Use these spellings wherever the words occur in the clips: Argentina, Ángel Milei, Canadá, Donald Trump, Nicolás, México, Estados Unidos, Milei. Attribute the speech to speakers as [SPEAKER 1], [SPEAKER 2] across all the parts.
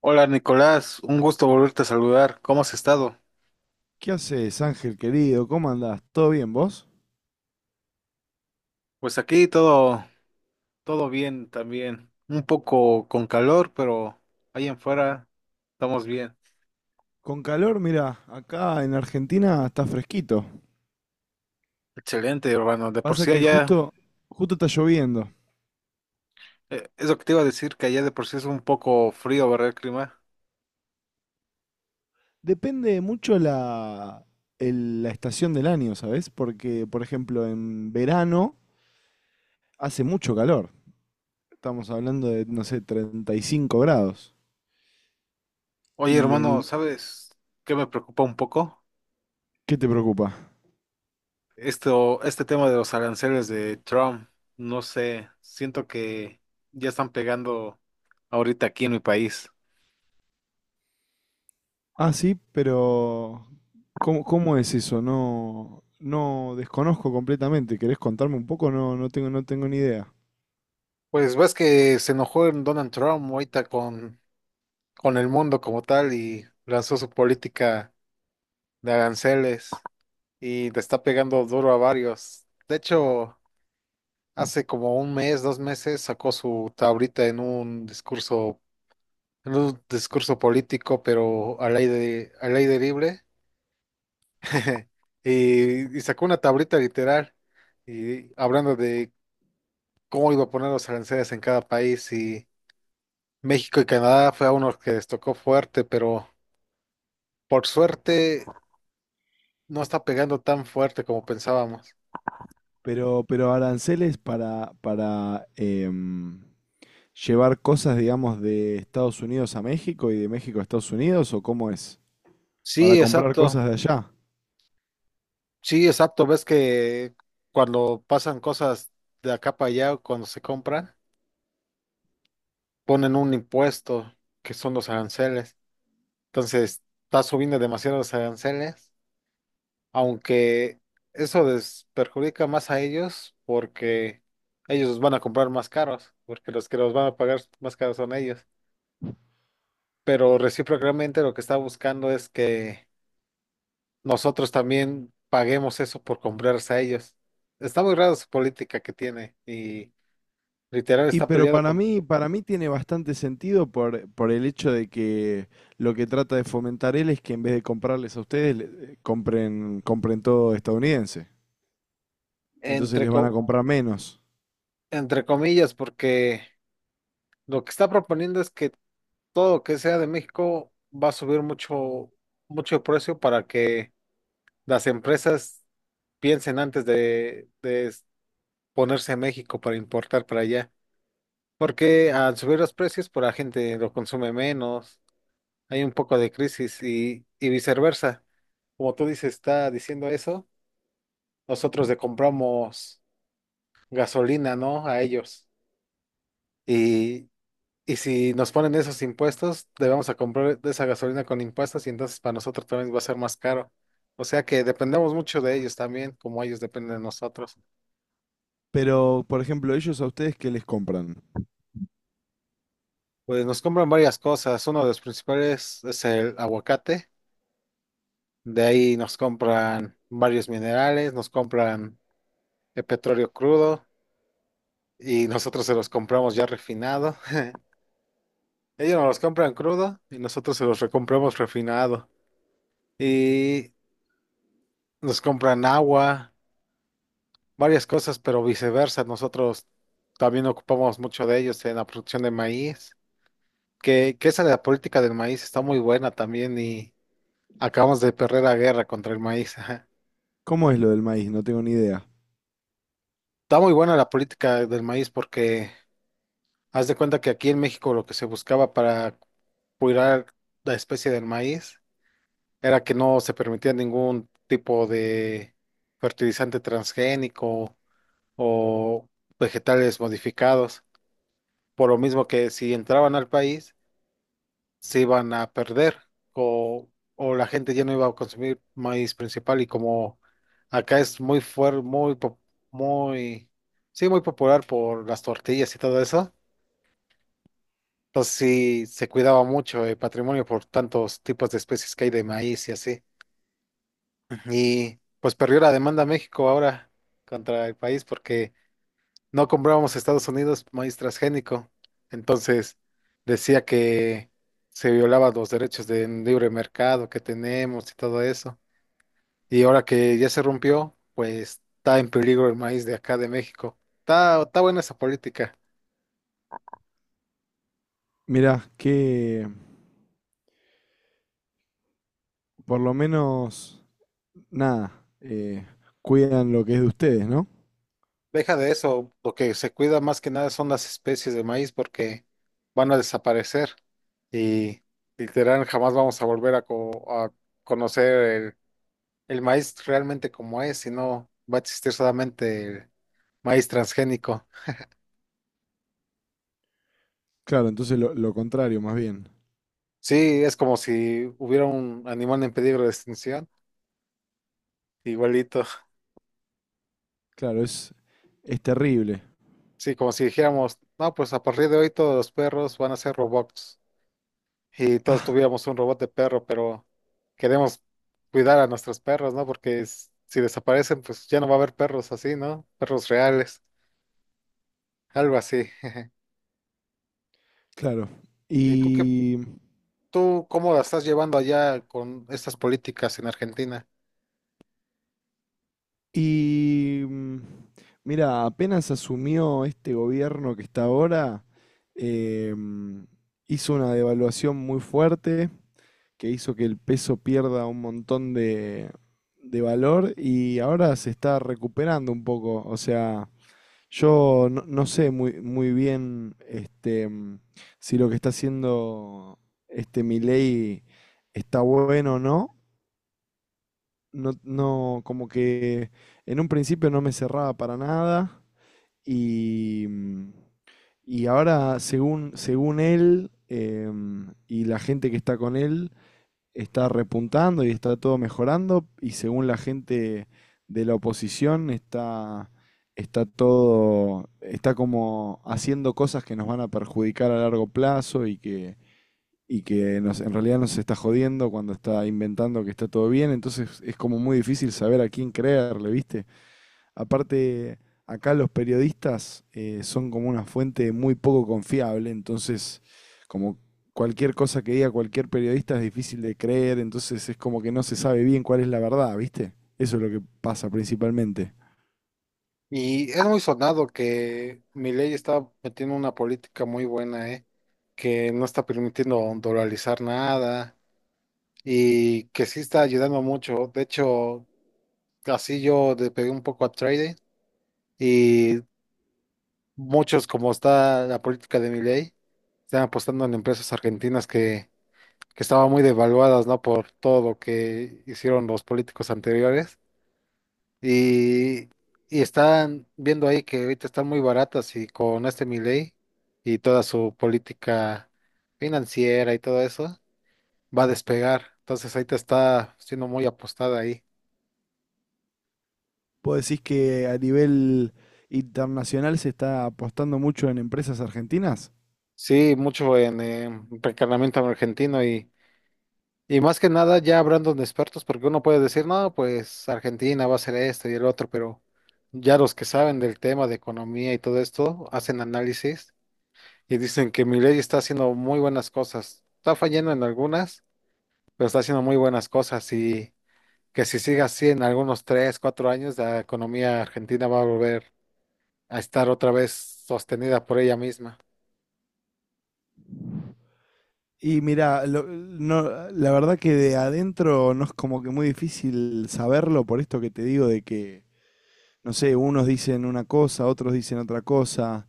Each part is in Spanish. [SPEAKER 1] Hola Nicolás, un gusto volverte a saludar. ¿Cómo has estado?
[SPEAKER 2] ¿Qué haces, Ángel querido? ¿Cómo andás? ¿Todo bien vos?
[SPEAKER 1] Pues aquí todo, todo bien también. Un poco con calor, pero ahí en fuera estamos bien.
[SPEAKER 2] Con calor, mira, acá en Argentina está fresquito.
[SPEAKER 1] Excelente, hermano. De por
[SPEAKER 2] Pasa
[SPEAKER 1] sí
[SPEAKER 2] que
[SPEAKER 1] allá,
[SPEAKER 2] justo, Justo está lloviendo.
[SPEAKER 1] es lo que te iba a decir, que allá de por sí es un poco frío, ¿verdad, el clima?
[SPEAKER 2] Depende mucho la estación del año, ¿sabes? Porque, por ejemplo, en verano hace mucho calor. Estamos hablando de, no sé, 35 grados.
[SPEAKER 1] Oye,
[SPEAKER 2] Y en...
[SPEAKER 1] hermano,
[SPEAKER 2] in-
[SPEAKER 1] ¿sabes qué me preocupa un poco?
[SPEAKER 2] ¿Qué te preocupa?
[SPEAKER 1] Esto, este tema de los aranceles de Trump. No sé, siento que ya están pegando ahorita aquí en mi país.
[SPEAKER 2] Ah, sí, pero ¿cómo es eso? No, desconozco completamente. ¿Querés contarme un poco? No, no tengo ni idea.
[SPEAKER 1] Pues ves que se enojó en Donald Trump ahorita con el mundo como tal y lanzó su política de aranceles y le está pegando duro a varios. De hecho, hace como un mes, dos meses sacó su tablita en un discurso político, pero al aire libre. Y sacó una tablita literal y hablando de cómo iba a poner los aranceles en cada país. México y Canadá fue a unos que les tocó fuerte, pero por suerte no está pegando tan fuerte como pensábamos.
[SPEAKER 2] Pero aranceles para llevar cosas, digamos, de Estados Unidos a México y de México a Estados Unidos, ¿o cómo es? Para
[SPEAKER 1] Sí,
[SPEAKER 2] comprar
[SPEAKER 1] exacto.
[SPEAKER 2] cosas de allá.
[SPEAKER 1] Sí, exacto. Ves que cuando pasan cosas de acá para allá, cuando se compran, ponen un impuesto que son los aranceles. Entonces, está subiendo demasiado los aranceles, aunque eso les perjudica más a ellos porque ellos van a comprar más caros, porque los que los van a pagar más caros son ellos. Pero recíprocamente lo que está buscando es que nosotros también paguemos eso por comprarse a ellos. Está muy raro su política que tiene y literal
[SPEAKER 2] Y
[SPEAKER 1] está peleado con,
[SPEAKER 2] para mí tiene bastante sentido por el hecho de que lo que trata de fomentar él es que en vez de comprarles a ustedes, compren todo estadounidense. Entonces
[SPEAKER 1] entre,
[SPEAKER 2] les van a
[SPEAKER 1] co-
[SPEAKER 2] comprar menos.
[SPEAKER 1] entre comillas, porque lo que está proponiendo es que todo lo que sea de México va a subir mucho, mucho el precio para que las empresas piensen antes de ponerse en México para importar para allá. Porque al subir los precios, por la gente lo consume menos hay un poco de crisis y viceversa. Como tú dices, está diciendo eso, nosotros le compramos gasolina, ¿no? A ellos. Y, y si nos ponen esos impuestos, le vamos a comprar de esa gasolina con impuestos y entonces para nosotros también va a ser más caro. O sea que dependemos mucho de ellos también, como ellos dependen de nosotros.
[SPEAKER 2] Pero, por ejemplo, ellos a ustedes, ¿qué les compran?
[SPEAKER 1] Pues nos compran varias cosas. Uno de los principales es el aguacate. De ahí nos compran varios minerales, nos compran el petróleo crudo. Y nosotros se los compramos ya refinado. Ellos nos los compran crudo y nosotros se los recompramos refinado. Y nos compran agua, varias cosas, pero viceversa. Nosotros también ocupamos mucho de ellos en la producción de maíz, que esa de la política del maíz está muy buena también y acabamos de perder la guerra contra el maíz. Ajá.
[SPEAKER 2] ¿Cómo es lo del maíz? No tengo ni idea.
[SPEAKER 1] Está muy buena la política del maíz porque haz de cuenta que aquí en México lo que se buscaba para cuidar la especie del maíz era que no se permitía ningún tipo de fertilizante transgénico o vegetales modificados, por lo mismo que si entraban al país se iban a perder o, o la gente ya no iba a consumir maíz principal y como acá es muy fuerte, muy, sí, muy popular por las tortillas y todo eso. Entonces sí se cuidaba mucho el patrimonio por tantos tipos de especies que hay de maíz y así. Y pues perdió la demanda México ahora contra el país porque no comprábamos a Estados Unidos maíz transgénico. Entonces decía que se violaban los derechos de libre mercado que tenemos y todo eso. Y ahora que ya se rompió, pues está en peligro el maíz de acá de México. Está, está buena esa política.
[SPEAKER 2] Mirá, que por lo menos, nada, cuidan lo que es de ustedes, ¿no?
[SPEAKER 1] Deja de eso, lo que se cuida más que nada son las especies de maíz porque van a desaparecer y literal jamás vamos a volver a conocer el maíz realmente como es, sino va a existir solamente el maíz transgénico.
[SPEAKER 2] Claro, entonces lo contrario, más bien.
[SPEAKER 1] Sí, es como si hubiera un animal en peligro de extinción, igualito.
[SPEAKER 2] Claro, es terrible.
[SPEAKER 1] Sí, como si dijéramos, no, pues a partir de hoy todos los perros van a ser robots. Y todos
[SPEAKER 2] Ah,
[SPEAKER 1] tuviéramos un robot de perro, pero queremos cuidar a nuestros perros, ¿no? Porque es- si desaparecen, pues ya no va a haber perros así, ¿no? Perros reales, algo así.
[SPEAKER 2] claro.
[SPEAKER 1] ¿Y tú qué,
[SPEAKER 2] Y,
[SPEAKER 1] tú cómo la estás llevando allá con estas políticas en Argentina?
[SPEAKER 2] y mm, mira, apenas asumió este gobierno que está ahora, eh, mm, hizo una devaluación muy fuerte que hizo que el peso pierda un montón de valor y ahora se está recuperando un poco. O sea, yo no sé muy bien si lo que está haciendo este Milei está bueno o no. No, no, como que en un principio no me cerraba para nada y, mm, y ahora según él y la gente que está con él, está repuntando y está todo mejorando y según la gente de la oposición está, está todo, está como haciendo cosas que nos van a perjudicar a largo plazo y que nos, en realidad nos está jodiendo cuando está inventando que está todo bien, entonces es como muy difícil saber a quién creerle, ¿viste? Aparte, acá los periodistas son como una fuente muy poco confiable, entonces como cualquier cosa que diga cualquier periodista es difícil de creer, entonces es como que no se sabe bien cuál es la verdad, ¿viste? Eso es lo que pasa principalmente.
[SPEAKER 1] Y es muy sonado que Milei está metiendo una política muy buena, ¿eh? Que no está permitiendo dolarizar nada y que sí está ayudando mucho. De hecho, así yo le pegué un poco a trading. Y muchos, como está la política de Milei, están apostando en empresas argentinas que estaban muy devaluadas, ¿no? Por todo lo que hicieron los políticos anteriores. Y, y están viendo ahí que ahorita están muy baratas y con este Milei y toda su política financiera y todo eso, va a despegar. Entonces ahorita está siendo muy apostada ahí.
[SPEAKER 2] Vos decís que a nivel internacional se está apostando mucho en empresas argentinas.
[SPEAKER 1] Sí, mucho en encarnamiento argentino y más que nada ya hablando de expertos, porque uno puede decir, no, pues Argentina va a hacer esto y el otro, pero ya los que saben del tema de economía y todo esto hacen análisis y dicen que Milei está haciendo muy buenas cosas. Está fallando en algunas, pero está haciendo muy buenas cosas y que si sigue así en algunos tres, cuatro años, la economía argentina va a volver a estar otra vez sostenida por ella misma.
[SPEAKER 2] Y mira, no, la verdad que de adentro no es como que muy difícil saberlo por esto que te digo de que no sé, unos dicen una cosa, otros dicen otra cosa,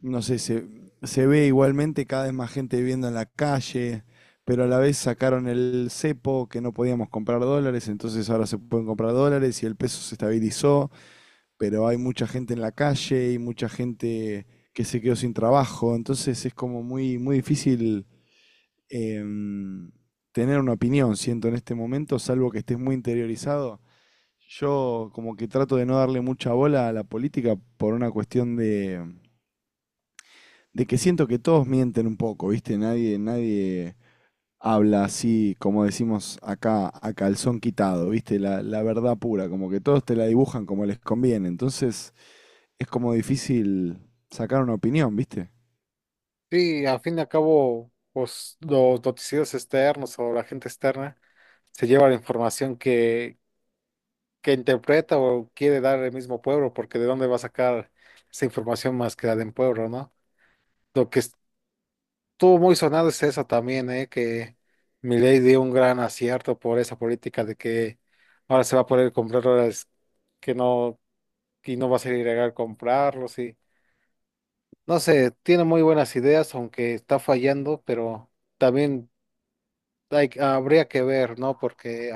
[SPEAKER 2] no sé, se ve igualmente cada vez más gente viviendo en la calle, pero a la vez sacaron el cepo que no podíamos comprar dólares, entonces ahora se pueden comprar dólares y el peso se estabilizó, pero hay mucha gente en la calle y mucha gente que se quedó sin trabajo, entonces es como muy difícil em, tener una opinión, siento, en este momento, salvo que estés muy interiorizado. Yo como que trato de no darle mucha bola a la política por una cuestión de que siento que todos mienten un poco, ¿viste? Nadie habla así, como decimos acá, a calzón quitado, ¿viste? La verdad pura, como que todos te la dibujan como les conviene. Entonces es como difícil sacar una opinión, ¿viste?
[SPEAKER 1] Sí, a fin y al cabo, pues los noticieros externos o la gente externa se lleva la información que interpreta o quiere dar el mismo pueblo, porque de dónde va a sacar esa información más que la de un pueblo, ¿no? Lo que estuvo muy sonado es eso también, ¿eh? Que Milei dio un gran acierto por esa política de que ahora se va a poder comprar dólares que no, y no va a ser ilegal comprarlos y no sé, tiene muy buenas ideas, aunque está fallando, pero también hay, habría que ver, ¿no? Porque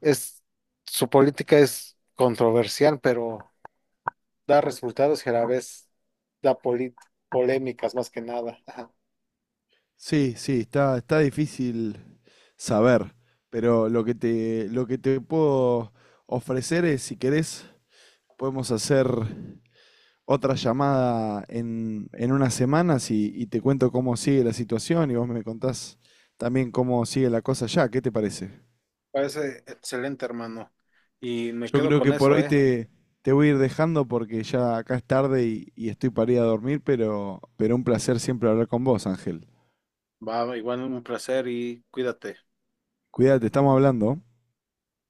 [SPEAKER 1] es, su política es controversial, pero da resultados y a la vez da polémicas más que nada. Ajá.
[SPEAKER 2] Sí, sí, está difícil saber, pero lo que te puedo ofrecer es, si querés, podemos hacer otra llamada en unas semanas y te cuento cómo sigue la situación y vos me contás también cómo sigue la cosa ya. ¿Qué te parece?
[SPEAKER 1] Parece excelente, hermano. Y me
[SPEAKER 2] Yo
[SPEAKER 1] quedo
[SPEAKER 2] creo
[SPEAKER 1] con
[SPEAKER 2] que por
[SPEAKER 1] eso,
[SPEAKER 2] hoy
[SPEAKER 1] ¿eh?
[SPEAKER 2] te voy a ir dejando porque ya acá es tarde y estoy para ir a dormir, pero un placer siempre hablar con vos, Ángel.
[SPEAKER 1] Va, igual un placer y cuídate.
[SPEAKER 2] Cuídate, estamos hablando.